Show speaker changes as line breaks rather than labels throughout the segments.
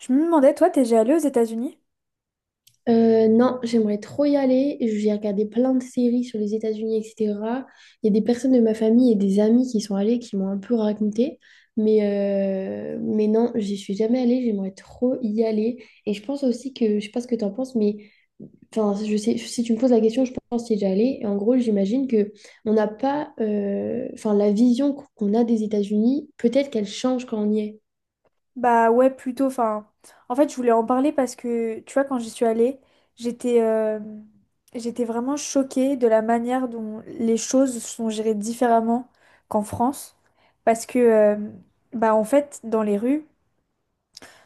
Je me demandais, toi, t'es déjà allée aux États-Unis?
Non, j'aimerais trop y aller. J'ai regardé plein de séries sur les États-Unis, etc. Il y a des personnes de ma famille et des amis qui sont allés, qui m'ont un peu raconté. Mais, mais non, j'y suis jamais allée. J'aimerais trop y aller. Et je pense aussi que, je sais pas ce que tu en penses, mais enfin, je sais, si tu me poses la question, je pense y déjà allée. Et en gros, j'imagine que on n'a pas, enfin, la vision qu'on a des États-Unis, peut-être qu'elle change quand on y est.
Bah ouais, plutôt. Enfin, je voulais en parler parce que, tu vois, quand j'y suis allée, j'étais euh, j'étais vraiment choquée de la manière dont les choses sont gérées différemment qu'en France. Parce que, bah en fait, dans les rues,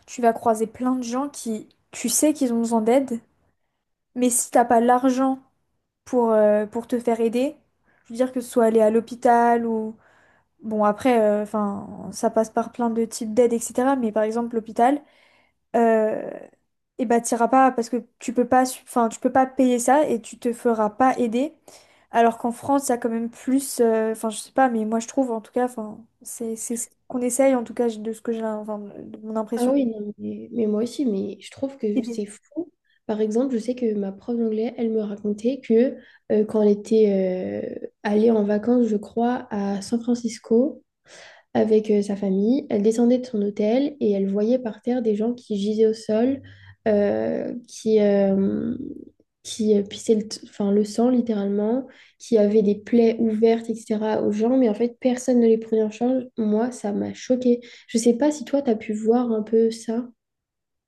tu vas croiser plein de gens qui, tu sais qu'ils ont besoin d'aide, mais si t'as pas l'argent pour te faire aider. Je veux dire que ce soit aller à l'hôpital ou bon, après, enfin, ça passe par plein de types d'aides, etc. Mais par exemple, l'hôpital, euh, eh ben, t'iras pas parce que tu peux pas, enfin, tu peux pas payer ça et tu te feras pas aider. Alors qu'en France, ça a quand même plus, enfin, je sais pas, mais moi je trouve, en tout cas, enfin, c'est ce qu'on essaye, en tout cas, de ce que j'ai, enfin, de mon
Ah
impression.
oui, non, mais moi aussi, mais je trouve
Et
que
des-
c'est fou. Par exemple, je sais que ma prof d'anglais, elle me racontait que quand elle était allée en vacances, je crois, à San Francisco, avec sa famille. Elle descendait de son hôtel et elle voyait par terre des gens qui gisaient au sol, euh, qui, euh, qui pissaient enfin, le sang littéralement, qui avaient des plaies ouvertes, etc. aux gens, mais en fait, personne ne les prenait en charge. Moi, ça m'a choquée. Je sais pas si toi, tu as pu voir un peu ça.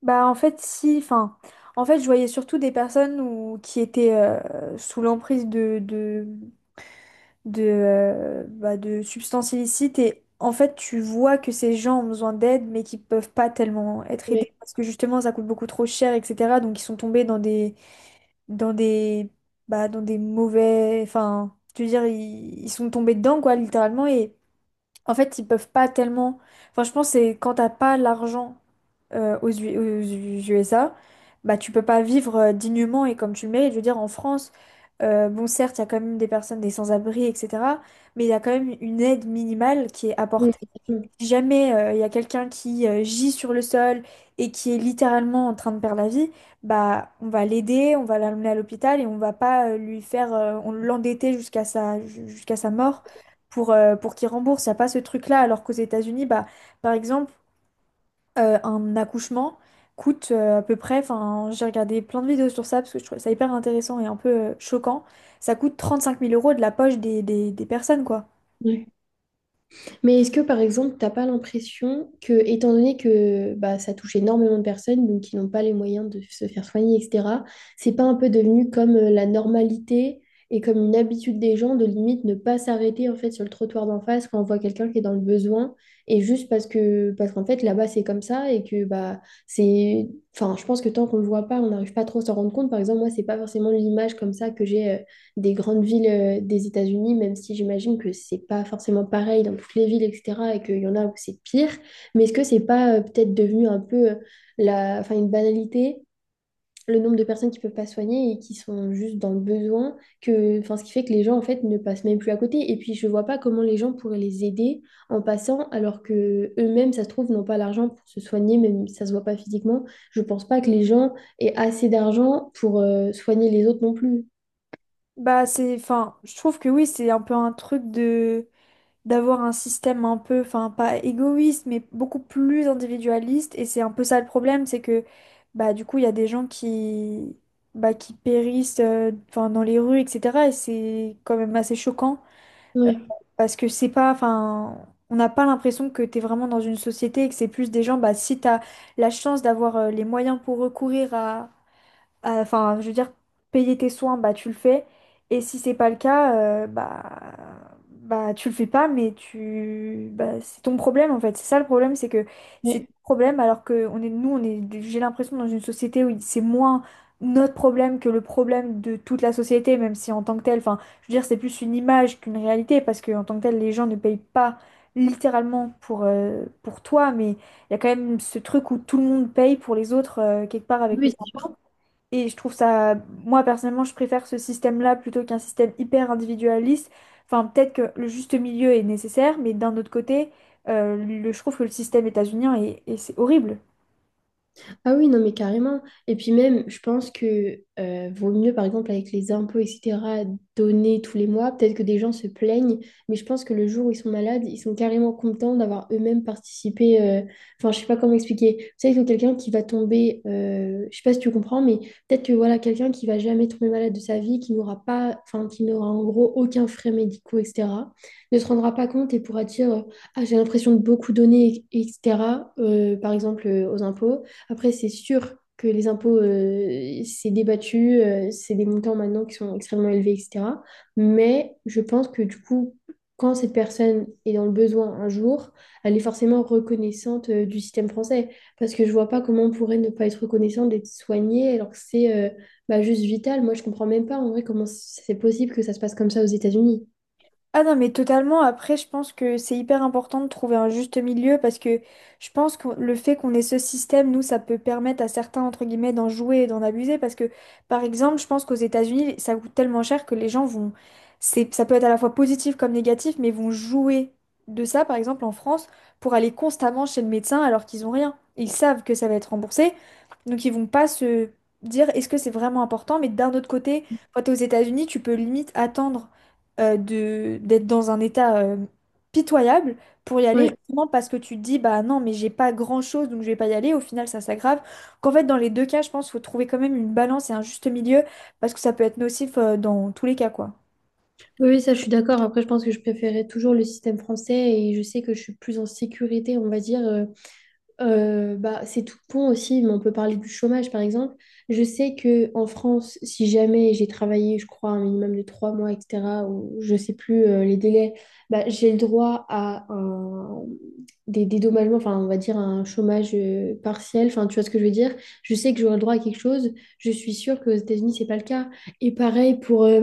Bah, en fait, si, enfin, en fait, je voyais surtout des qui étaient sous l'emprise de substances illicites et en fait tu vois que ces gens ont besoin d'aide mais qui peuvent pas tellement être aidés
Ouais.
parce que justement ça coûte beaucoup trop cher etc. Donc ils sont tombés dans dans des des mauvais, enfin je veux dire ils sont tombés dedans quoi littéralement et en fait ils peuvent pas tellement, enfin je pense que c'est quand t'as pas l'argent aux USA, bah tu peux pas vivre dignement et comme tu le mérites. Je veux dire, en France, bon certes, il y a quand même des personnes, des sans-abri, etc. Mais il y a quand même une aide minimale qui est
Ouais.
apportée. Si jamais il y a quelqu'un qui gît sur le sol et qui est littéralement en train de perdre la vie, bah on va l'aider, on va l'amener à l'hôpital et on va pas lui faire, on l'endetter jusqu'à sa mort. Pour qu'il rembourse, il n'y a pas ce truc-là, alors qu'aux États-Unis, bah, par exemple, un accouchement coûte à peu près, enfin j'ai regardé plein de vidéos sur ça parce que je trouvais ça hyper intéressant et un peu choquant, ça coûte 35 000 euros de la poche des personnes quoi.
Ouais. Mais est-ce que, par exemple, t'as pas l'impression que, étant donné que bah, ça touche énormément de personnes, donc qui n'ont pas les moyens de se faire soigner, etc., c'est pas un peu devenu comme la normalité et comme une habitude des gens de limite ne pas s'arrêter en fait sur le trottoir d'en face quand on voit quelqu'un qui est dans le besoin et juste parce que parce qu'en fait là-bas c'est comme ça et que bah c'est enfin je pense que tant qu'on le voit pas on n'arrive pas trop à s'en rendre compte. Par exemple moi c'est pas forcément l'image comme ça que j'ai des grandes villes des États-Unis, même si j'imagine que c'est pas forcément pareil dans toutes les villes, etc., et qu'il y en a où c'est pire. Mais est-ce que c'est pas peut-être devenu un peu enfin, une banalité, le nombre de personnes qui peuvent pas soigner et qui sont juste dans le besoin, que, enfin, ce qui fait que les gens, en fait, ne passent même plus à côté. Et puis, je vois pas comment les gens pourraient les aider en passant, alors que eux-mêmes, ça se trouve, n'ont pas l'argent pour se soigner, même si ça se voit pas physiquement. Je pense pas que les gens aient assez d'argent pour soigner les autres non plus.
Bah c'est, enfin je trouve que oui c'est un peu un truc de d'avoir un système un peu, enfin pas égoïste mais beaucoup plus individualiste et c'est un peu ça le problème, c'est que bah du coup il y a des gens qui... Bah, qui périssent enfin, dans les rues, etc. Et c'est quand même assez choquant,
Ouais,
parce que c'est pas, enfin, on n'a pas l'impression que tu es vraiment dans une société et que c'est plus des gens, bah, si tu as la chance d'avoir les moyens pour recourir à, enfin, je veux dire, payer tes soins, bah tu le fais. Et si c'est pas le cas, euh, bah, bah tu le fais pas, mais tu, bah, c'est ton problème en fait. C'est ça le problème, c'est que c'est ton
ouais.
problème alors que on est, nous, on est, j'ai l'impression dans une société où c'est moins notre problème que le problème de toute la société, même si en tant que tel, enfin, je veux dire, c'est plus une image qu'une réalité parce que en tant que tel, les gens ne payent pas littéralement pour toi, mais il y a quand même ce truc où tout le monde paye pour les autres quelque part avec
Oui,
les
c'est sûr.
impôts. Et je trouve ça, moi personnellement, je préfère ce système-là plutôt qu'un système hyper individualiste. Enfin, peut-être que le juste milieu est nécessaire, mais d'un autre côté, je trouve que le système états-unien est, et c'est horrible.
Ah oui, non, mais carrément. Et puis même, je pense que vaut mieux, par exemple, avec les impôts, etc., donner tous les mois. Peut-être que des gens se plaignent, mais je pense que le jour où ils sont malades, ils sont carrément contents d'avoir eux-mêmes participé. Enfin, je sais pas comment expliquer. Tu sais que quelqu'un qui va tomber, je sais pas si tu comprends, mais peut-être que voilà, quelqu'un qui va jamais tomber malade de sa vie, qui n'aura pas, enfin, qui n'aura en gros aucun frais médicaux, etc., ne se rendra pas compte et pourra dire, ah, j'ai l'impression de beaucoup donner, etc., par exemple, aux impôts. Après, c'est sûr que les impôts, c'est débattu, c'est des montants maintenant qui sont extrêmement élevés, etc. Mais je pense que du coup, quand cette personne est dans le besoin un jour, elle est forcément reconnaissante du système français. Parce que je vois pas comment on pourrait ne pas être reconnaissante d'être soignée alors que c'est bah, juste vital. Moi, je comprends même pas en vrai comment c'est possible que ça se passe comme ça aux États-Unis.
Ah non, mais totalement. Après, je pense que c'est hyper important de trouver un juste milieu parce que je pense que le fait qu'on ait ce système, nous, ça peut permettre à certains, entre guillemets, d'en jouer et d'en abuser parce que, par exemple, je pense qu'aux États-Unis, ça coûte tellement cher que les gens vont... Ça peut être à la fois positif comme négatif, mais vont jouer de ça, par exemple, en France, pour aller constamment chez le médecin alors qu'ils ont rien. Ils savent que ça va être remboursé, donc ils vont pas se dire est-ce que c'est vraiment important, mais d'un autre côté, quand t'es aux États-Unis, tu peux limite attendre de d'être dans un état pitoyable pour y aller
Ouais.
justement parce que tu te dis bah non mais j'ai pas grand-chose donc je vais pas y aller, au final ça s'aggrave, qu'en fait dans les deux cas je pense faut trouver quand même une balance et un juste milieu parce que ça peut être nocif dans tous les cas quoi.
Oui, oui, ça, je suis d'accord. Après, je pense que je préférais toujours le système français et je sais que je suis plus en sécurité, on va dire. Bah, c'est tout bon aussi, mais on peut parler du chômage par exemple. Je sais que en France, si jamais j'ai travaillé, je crois, un minimum de 3 mois, etc., ou je sais plus les délais, bah, j'ai le droit à un... des dédommagements, enfin, on va dire un chômage partiel, enfin, tu vois ce que je veux dire. Je sais que j'aurai le droit à quelque chose, je suis sûre qu'aux États-Unis, c'est pas le cas. Et pareil pour.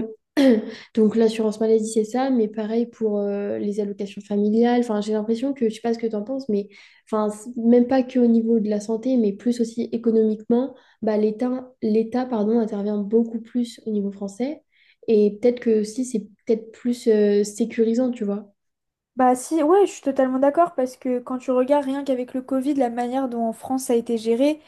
Donc l'assurance maladie, c'est ça, mais pareil pour les allocations familiales. Enfin, j'ai l'impression que, je sais pas ce que tu en penses, mais enfin, même pas que au niveau de la santé, mais plus aussi économiquement, bah, l'État, pardon, intervient beaucoup plus au niveau français. Et peut-être que aussi, c'est peut-être plus sécurisant, tu vois.
Bah si ouais je suis totalement d'accord parce que quand tu regardes rien qu'avec le Covid la manière dont en France ça a été géré,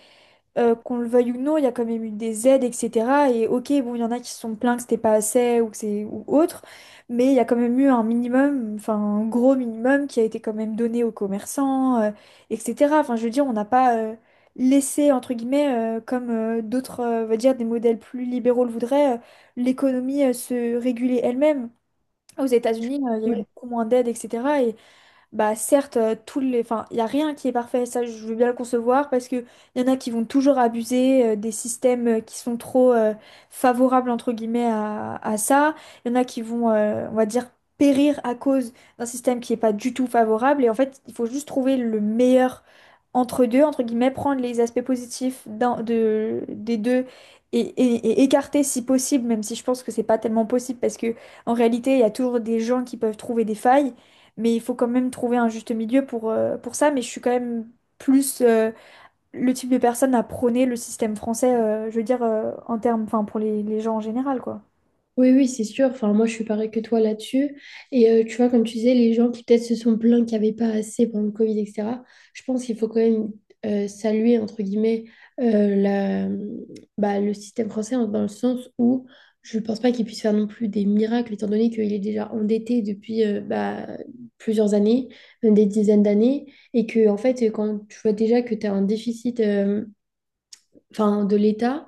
qu'on le veuille ou non, il y a quand même eu des aides, etc. Et ok, bon, il y en a qui se sont plaints que c'était pas assez ou que c'est ou autre, mais il y a quand même eu un minimum, enfin un gros minimum qui a été quand même donné aux commerçants, etc. Enfin, je veux dire, on n'a pas laissé entre guillemets, comme d'autres, on va dire des modèles plus libéraux le voudraient, l'économie se réguler elle-même. Aux États-Unis, il y a eu beaucoup moins d'aides, etc. Bah certes, tous les, enfin, il y a rien qui est parfait, ça je veux bien le concevoir parce que il y en a qui vont toujours abuser des systèmes qui sont trop favorables entre guillemets à ça. Il y en a qui vont, on va dire, périr à cause d'un système qui est pas du tout favorable. Et en fait, il faut juste trouver le meilleur entre deux, entre guillemets, prendre les aspects positifs d'un, de, des deux et écarter si possible, même si je pense que c'est pas tellement possible parce que en réalité, il y a toujours des gens qui peuvent trouver des failles. Mais il faut quand même trouver un juste milieu pour ça. Mais je suis quand même plus le type de personne à prôner le système français, je veux dire, en termes, enfin, pour les gens en général, quoi.
Oui, oui, c'est sûr. Enfin, moi, je suis pareil que toi là-dessus. Et tu vois, comme tu disais, les gens qui peut-être se sont plaints qu'il n'y avait pas assez pendant le Covid, etc., je pense qu'il faut quand même saluer, entre guillemets, euh, la, bah, le système français hein, dans le sens où je ne pense pas qu'il puisse faire non plus des miracles, étant donné qu'il est déjà endetté depuis bah, plusieurs années, même des dizaines d'années, et que, en fait, quand tu vois déjà que tu as un déficit, enfin, de l'État,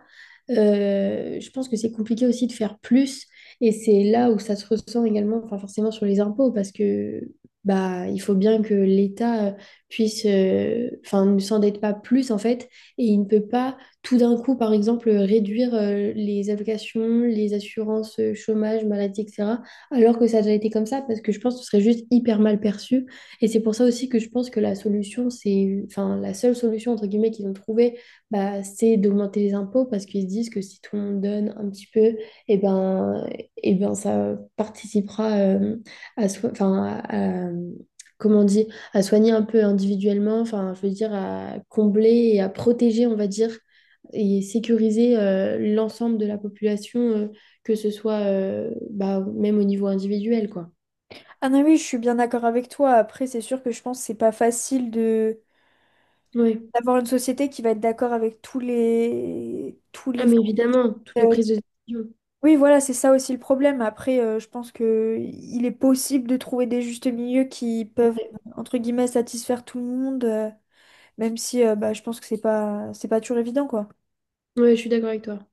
je pense que c'est compliqué aussi de faire plus. Et c'est là où ça se ressent également, enfin, forcément sur les impôts, parce que bah, il faut bien que l'État puisse, enfin, ne s'endette pas plus en fait, et il ne peut pas tout d'un coup, par exemple, réduire les allocations, les assurances chômage, maladie, etc., alors que ça a déjà été comme ça, parce que je pense que ce serait juste hyper mal perçu. Et c'est pour ça aussi que je pense que la solution, c'est, enfin, la seule solution entre guillemets qu'ils ont trouvée bah, c'est d'augmenter les impôts parce qu'ils se disent que si tout le monde donne un petit peu, et ben, et ben ça participera enfin, comment on dit, à soigner un peu individuellement, enfin, je veux dire, à combler et à protéger, on va dire, et sécuriser l'ensemble de la population, que ce soit bah, même au niveau individuel, quoi.
Ah non, oui, je suis bien d'accord avec toi. Après, c'est sûr que je pense que c'est pas facile de
Ouais.
d'avoir une société qui va être d'accord avec tous les tous
Ah,
les
mais évidemment, toutes les
euh,
prises de décision.
oui, voilà, c'est ça aussi le problème. Après, je pense que il est possible de trouver des justes milieux qui peuvent, entre guillemets, satisfaire tout le monde, même si bah, je pense que c'est pas toujours évident, quoi.
Ouais, je suis d'accord avec toi.